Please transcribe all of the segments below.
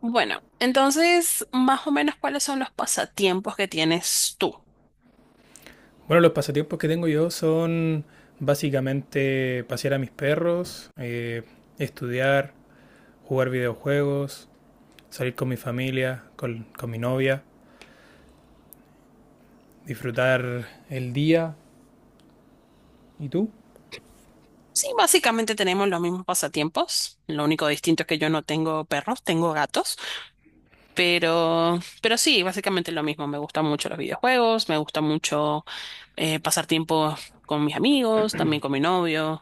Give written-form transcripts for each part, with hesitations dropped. Bueno, entonces, más o menos, ¿cuáles son los pasatiempos que tienes tú? Bueno, los pasatiempos que tengo yo son básicamente pasear a mis perros, estudiar, jugar videojuegos, salir con mi familia, con mi novia, disfrutar el día. ¿Y tú? Sí, básicamente tenemos los mismos pasatiempos. Lo único distinto es que yo no tengo perros, tengo gatos. Pero sí, básicamente lo mismo. Me gustan mucho los videojuegos, me gusta mucho pasar tiempo con mis amigos, también con mi novio.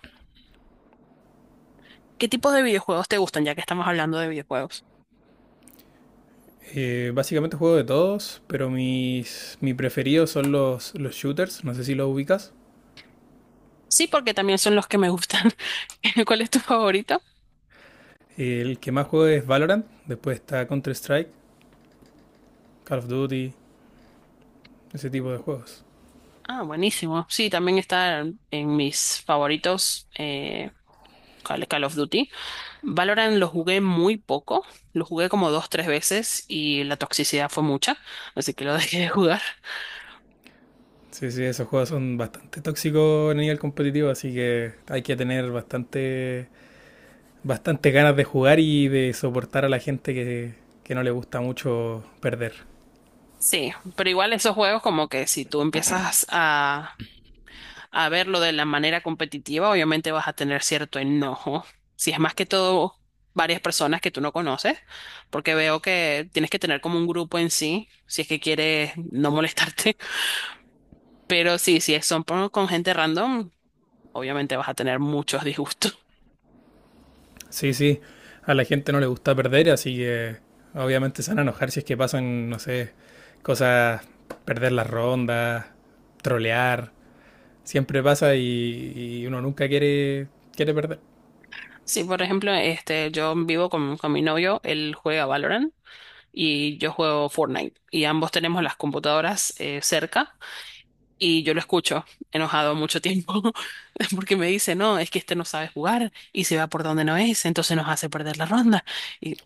¿Qué tipo de videojuegos te gustan, ya que estamos hablando de videojuegos? Básicamente juego de todos, pero mi preferidos son los shooters, no sé si los ubicas. Sí, porque también son los que me gustan. ¿Cuál es tu favorito? El que más juego es Valorant, después está Counter-Strike, Call of Duty, ese tipo de juegos. Ah, buenísimo. Sí, también está en mis favoritos. Call of Duty. Valorant lo jugué muy poco, lo jugué como dos, tres veces y la toxicidad fue mucha, así que lo dejé de jugar. Sí, sí, esos juegos son bastante tóxicos a nivel competitivo, así que hay que tener bastante ganas de jugar y de soportar a la gente que no le gusta mucho perder. Sí, pero igual esos juegos como que si tú empiezas a verlo de la manera competitiva, obviamente vas a tener cierto enojo. Si es más que todo varias personas que tú no conoces, porque veo que tienes que tener como un grupo en sí, si es que quieres no molestarte. Pero sí, si son con gente random, obviamente vas a tener muchos disgustos. Sí, sí, a la gente no le gusta perder, así que obviamente se van a enojar si es que pasan, no sé, cosas, perder las rondas, trolear, siempre pasa y uno nunca quiere perder. Sí, por ejemplo, este, yo vivo con mi novio, él juega Valorant y yo juego Fortnite y ambos tenemos las computadoras cerca y yo lo escucho enojado mucho tiempo porque me dice, no, es que este no sabe jugar y se va por donde no es, entonces nos hace perder la ronda y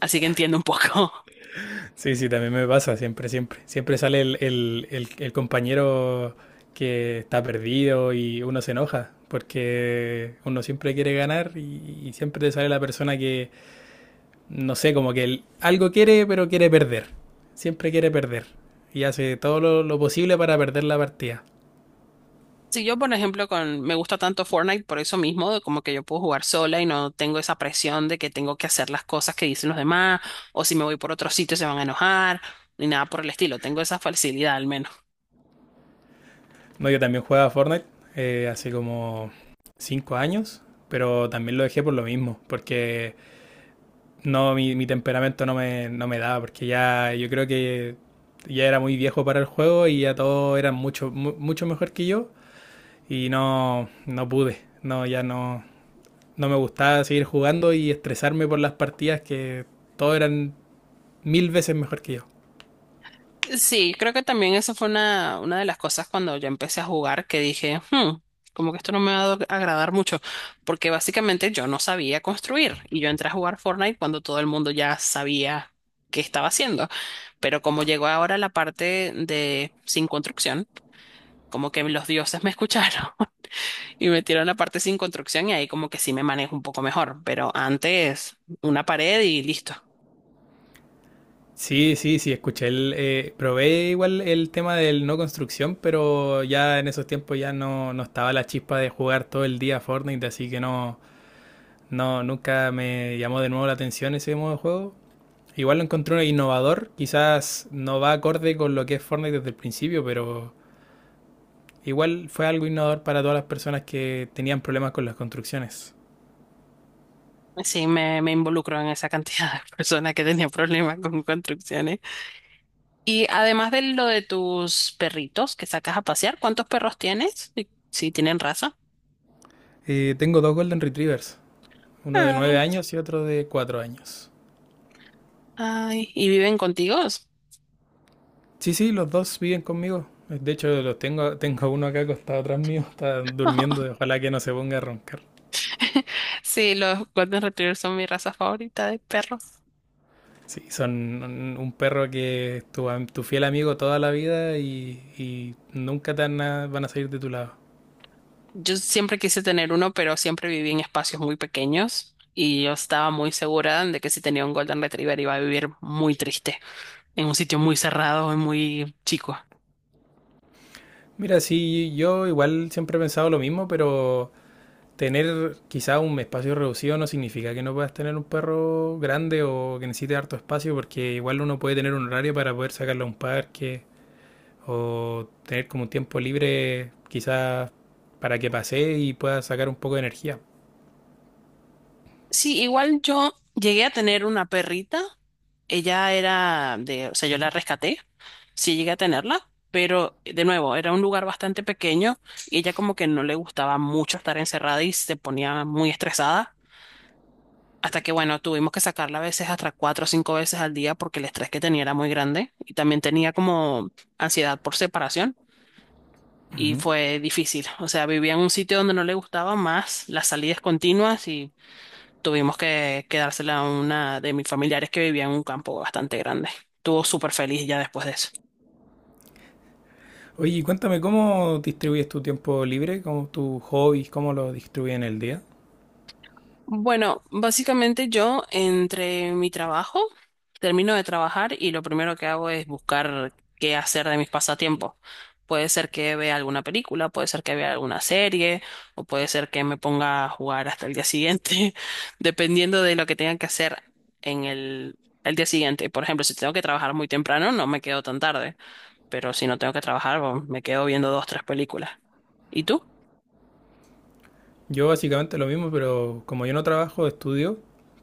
así que entiendo un poco. Sí, sí, también me pasa, siempre, siempre. Siempre sale el compañero que está perdido y uno se enoja, porque uno siempre quiere ganar y siempre te sale la persona que, no sé, como que algo quiere, pero quiere perder. Siempre quiere perder y hace todo lo posible para perder la partida. Si yo, por ejemplo, con me gusta tanto Fortnite por eso mismo, de como que yo puedo jugar sola y no tengo esa presión de que tengo que hacer las cosas que dicen los demás, o si me voy por otro sitio se van a enojar, ni nada por el estilo. Tengo esa facilidad al menos. No, yo también jugaba Fortnite hace como 5 años, pero también lo dejé por lo mismo, porque no, mi temperamento no me daba, porque ya yo creo que ya era muy viejo para el juego y ya todos eran mucho mejor que yo y no, no pude, no, ya no, no me gustaba seguir jugando y estresarme por las partidas que todos eran mil veces mejor que yo. Sí, creo que también esa fue una de las cosas cuando yo empecé a jugar que dije, "Hmm, como que esto no me va a agradar mucho, porque básicamente yo no sabía construir y yo entré a jugar Fortnite cuando todo el mundo ya sabía qué estaba haciendo. Pero como llegó ahora la parte de sin construcción, como que los dioses me escucharon y metieron la parte sin construcción y ahí como que sí me manejo un poco mejor, pero antes una pared y listo. Sí, sí, sí, escuché, probé igual el tema del no construcción, pero ya en esos tiempos ya no estaba la chispa de jugar todo el día Fortnite, así que no. No, nunca me llamó de nuevo la atención ese modo de juego. Igual lo encontré innovador, quizás no va acorde con lo que es Fortnite desde el principio, pero igual fue algo innovador para todas las personas que tenían problemas con las construcciones. Sí, me involucro en esa cantidad de personas que tenían problemas con construcciones. Y además de lo de tus perritos que sacas a pasear, ¿cuántos perros tienes? Y si tienen raza. Tengo dos Golden Retrievers, uno de 9 Ay, años y otro de 4 años. ay, ¿y viven contigo? Sí, sí, los dos viven conmigo. De hecho, tengo uno acá acostado atrás mío, está durmiendo, ojalá que no se ponga a roncar. Sí, los Golden Retrievers son mi raza favorita de perros. Sí, son un perro que es tu fiel amigo toda la vida y nunca te van a salir de tu lado. Yo siempre quise tener uno, pero siempre viví en espacios muy pequeños y yo estaba muy segura de que si tenía un Golden Retriever iba a vivir muy triste, en un sitio muy cerrado y muy chico. Mira, sí, yo igual siempre he pensado lo mismo, pero tener quizá un espacio reducido no significa que no puedas tener un perro grande o que necesite harto espacio, porque igual uno puede tener un horario para poder sacarlo a un parque o tener como un tiempo libre quizás para que pase y pueda sacar un poco de energía. Sí, igual yo llegué a tener una perrita, ella era de, o sea, yo la rescaté, sí llegué a tenerla, pero de nuevo, era un lugar bastante pequeño y ella como que no le gustaba mucho estar encerrada y se ponía muy estresada. Hasta que, bueno, tuvimos que sacarla a veces hasta 4 o 5 veces al día porque el estrés que tenía era muy grande y también tenía como ansiedad por separación y fue difícil. O sea, vivía en un sitio donde no le gustaba más las salidas continuas y tuvimos que quedársela a una de mis familiares que vivía en un campo bastante grande. Estuvo súper feliz ya después de eso. Oye, y cuéntame, ¿cómo distribuyes tu tiempo libre? ¿Cómo tus hobbies? ¿Cómo lo distribuyes en el día? Bueno, básicamente yo entre mi trabajo, termino de trabajar y lo primero que hago es buscar qué hacer de mis pasatiempos. Puede ser que vea alguna película, puede ser que vea alguna serie, o puede ser que me ponga a jugar hasta el día siguiente, dependiendo de lo que tenga que hacer en el día siguiente. Por ejemplo, si tengo que trabajar muy temprano, no me quedo tan tarde, pero si no tengo que trabajar, bueno, me quedo viendo dos, tres películas. ¿Y tú? Yo básicamente lo mismo, pero como yo no trabajo, estudio,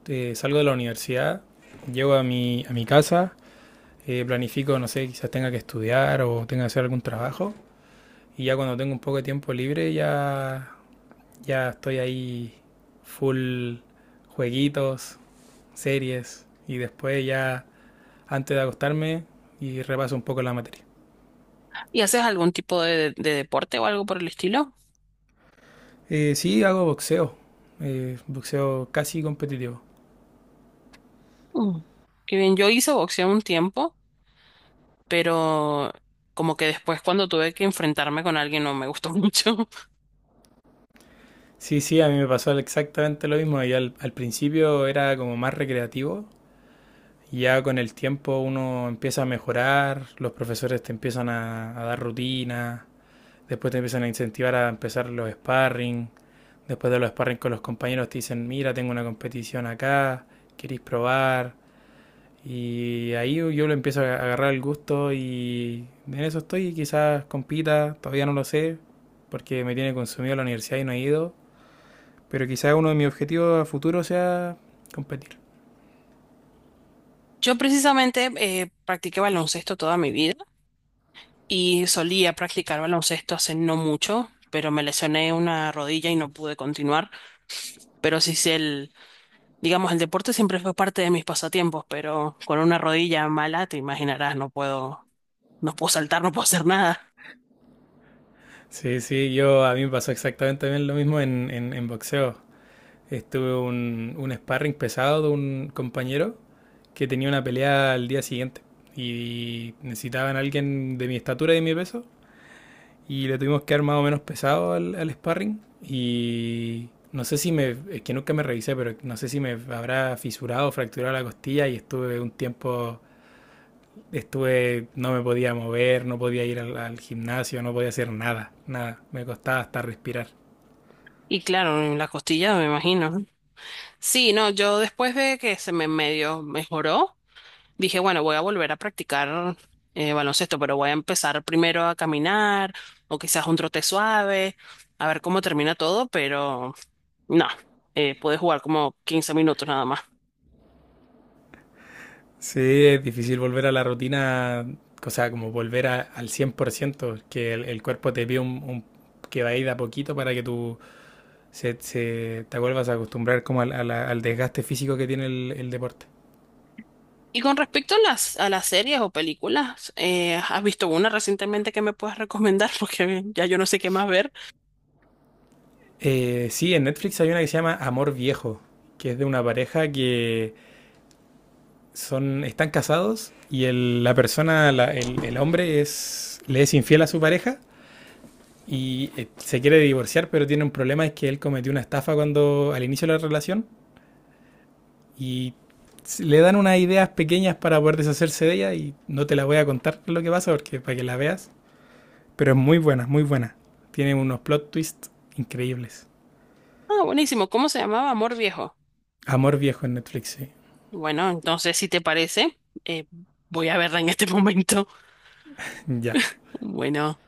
salgo de la universidad, llego a mi casa, planifico, no sé, quizás tenga que estudiar o tenga que hacer algún trabajo. Y ya cuando tengo un poco de tiempo libre, ya, ya estoy ahí full jueguitos, series. Y después ya, antes de acostarme, y repaso un poco la materia. ¿Y haces algún tipo de deporte o algo por el estilo? Sí, hago boxeo, boxeo casi competitivo. Mm. Qué bien, yo hice boxeo un tiempo, pero como que después cuando tuve que enfrentarme con alguien no me gustó mucho. Sí, sí, a mí me pasó exactamente lo mismo. Y al principio era como más recreativo. Ya con el tiempo uno empieza a mejorar, los profesores te empiezan a dar rutinas, después te empiezan a incentivar a empezar los sparring, después de los sparring con los compañeros te dicen, mira, tengo una competición acá, ¿queréis probar? Y ahí yo le empiezo a agarrar el gusto y en eso estoy. Quizás compita, todavía no lo sé, porque me tiene consumido la universidad y no he ido. Pero quizás uno de mis objetivos a futuro sea competir. Yo precisamente practiqué baloncesto toda mi vida y solía practicar baloncesto hace no mucho, pero me lesioné una rodilla y no pude continuar. Pero sí sé el, digamos, el deporte siempre fue parte de mis pasatiempos, pero con una rodilla mala, te imaginarás, no puedo, no puedo saltar, no puedo hacer nada. Sí, sí, yo a mí me pasó exactamente también lo mismo en, en boxeo. Estuve un sparring pesado de un compañero que tenía una pelea al día siguiente y necesitaban a alguien de mi estatura y de mi peso y le tuvimos que dar más o menos pesado al sparring. Y no sé si me, es que nunca me revisé, pero no sé si me habrá fisurado o fracturado la costilla y estuve un tiempo, estuve, no me podía mover, no podía ir al gimnasio, no podía hacer nada, nada, me costaba hasta respirar. Y claro, en la costilla, me imagino. Sí, no, yo después de que se me medio mejoró, dije, bueno, voy a volver a practicar baloncesto, pero voy a empezar primero a caminar o quizás un trote suave, a ver cómo termina todo, pero no, pude jugar como 15 minutos nada más. Sí, es difícil volver a la rutina, o sea, como volver al 100% que el cuerpo te pide que va a ir de a poquito para que tu te vuelvas a acostumbrar como al desgaste físico que tiene el deporte. Y con respecto a a las series o películas, ¿has visto una recientemente que me puedas recomendar? Porque ya yo no sé qué más ver. Sí, en Netflix hay una que se llama Amor Viejo, que es de una pareja que están casados y el- la persona, la- el hombre es, le es infiel a su pareja y se quiere divorciar, pero tiene un problema, es que él cometió una estafa cuando al inicio de la relación y le dan unas ideas pequeñas para poder deshacerse de ella y no te la voy a contar lo que pasa porque para que la veas. Pero es muy buena, muy buena. Tiene unos plot twists increíbles. Ah, buenísimo, ¿cómo se llamaba? Amor Viejo. Amor Viejo en Netflix, sí. Bueno, entonces, si te parece, voy a verla en este momento. Ya. Bueno.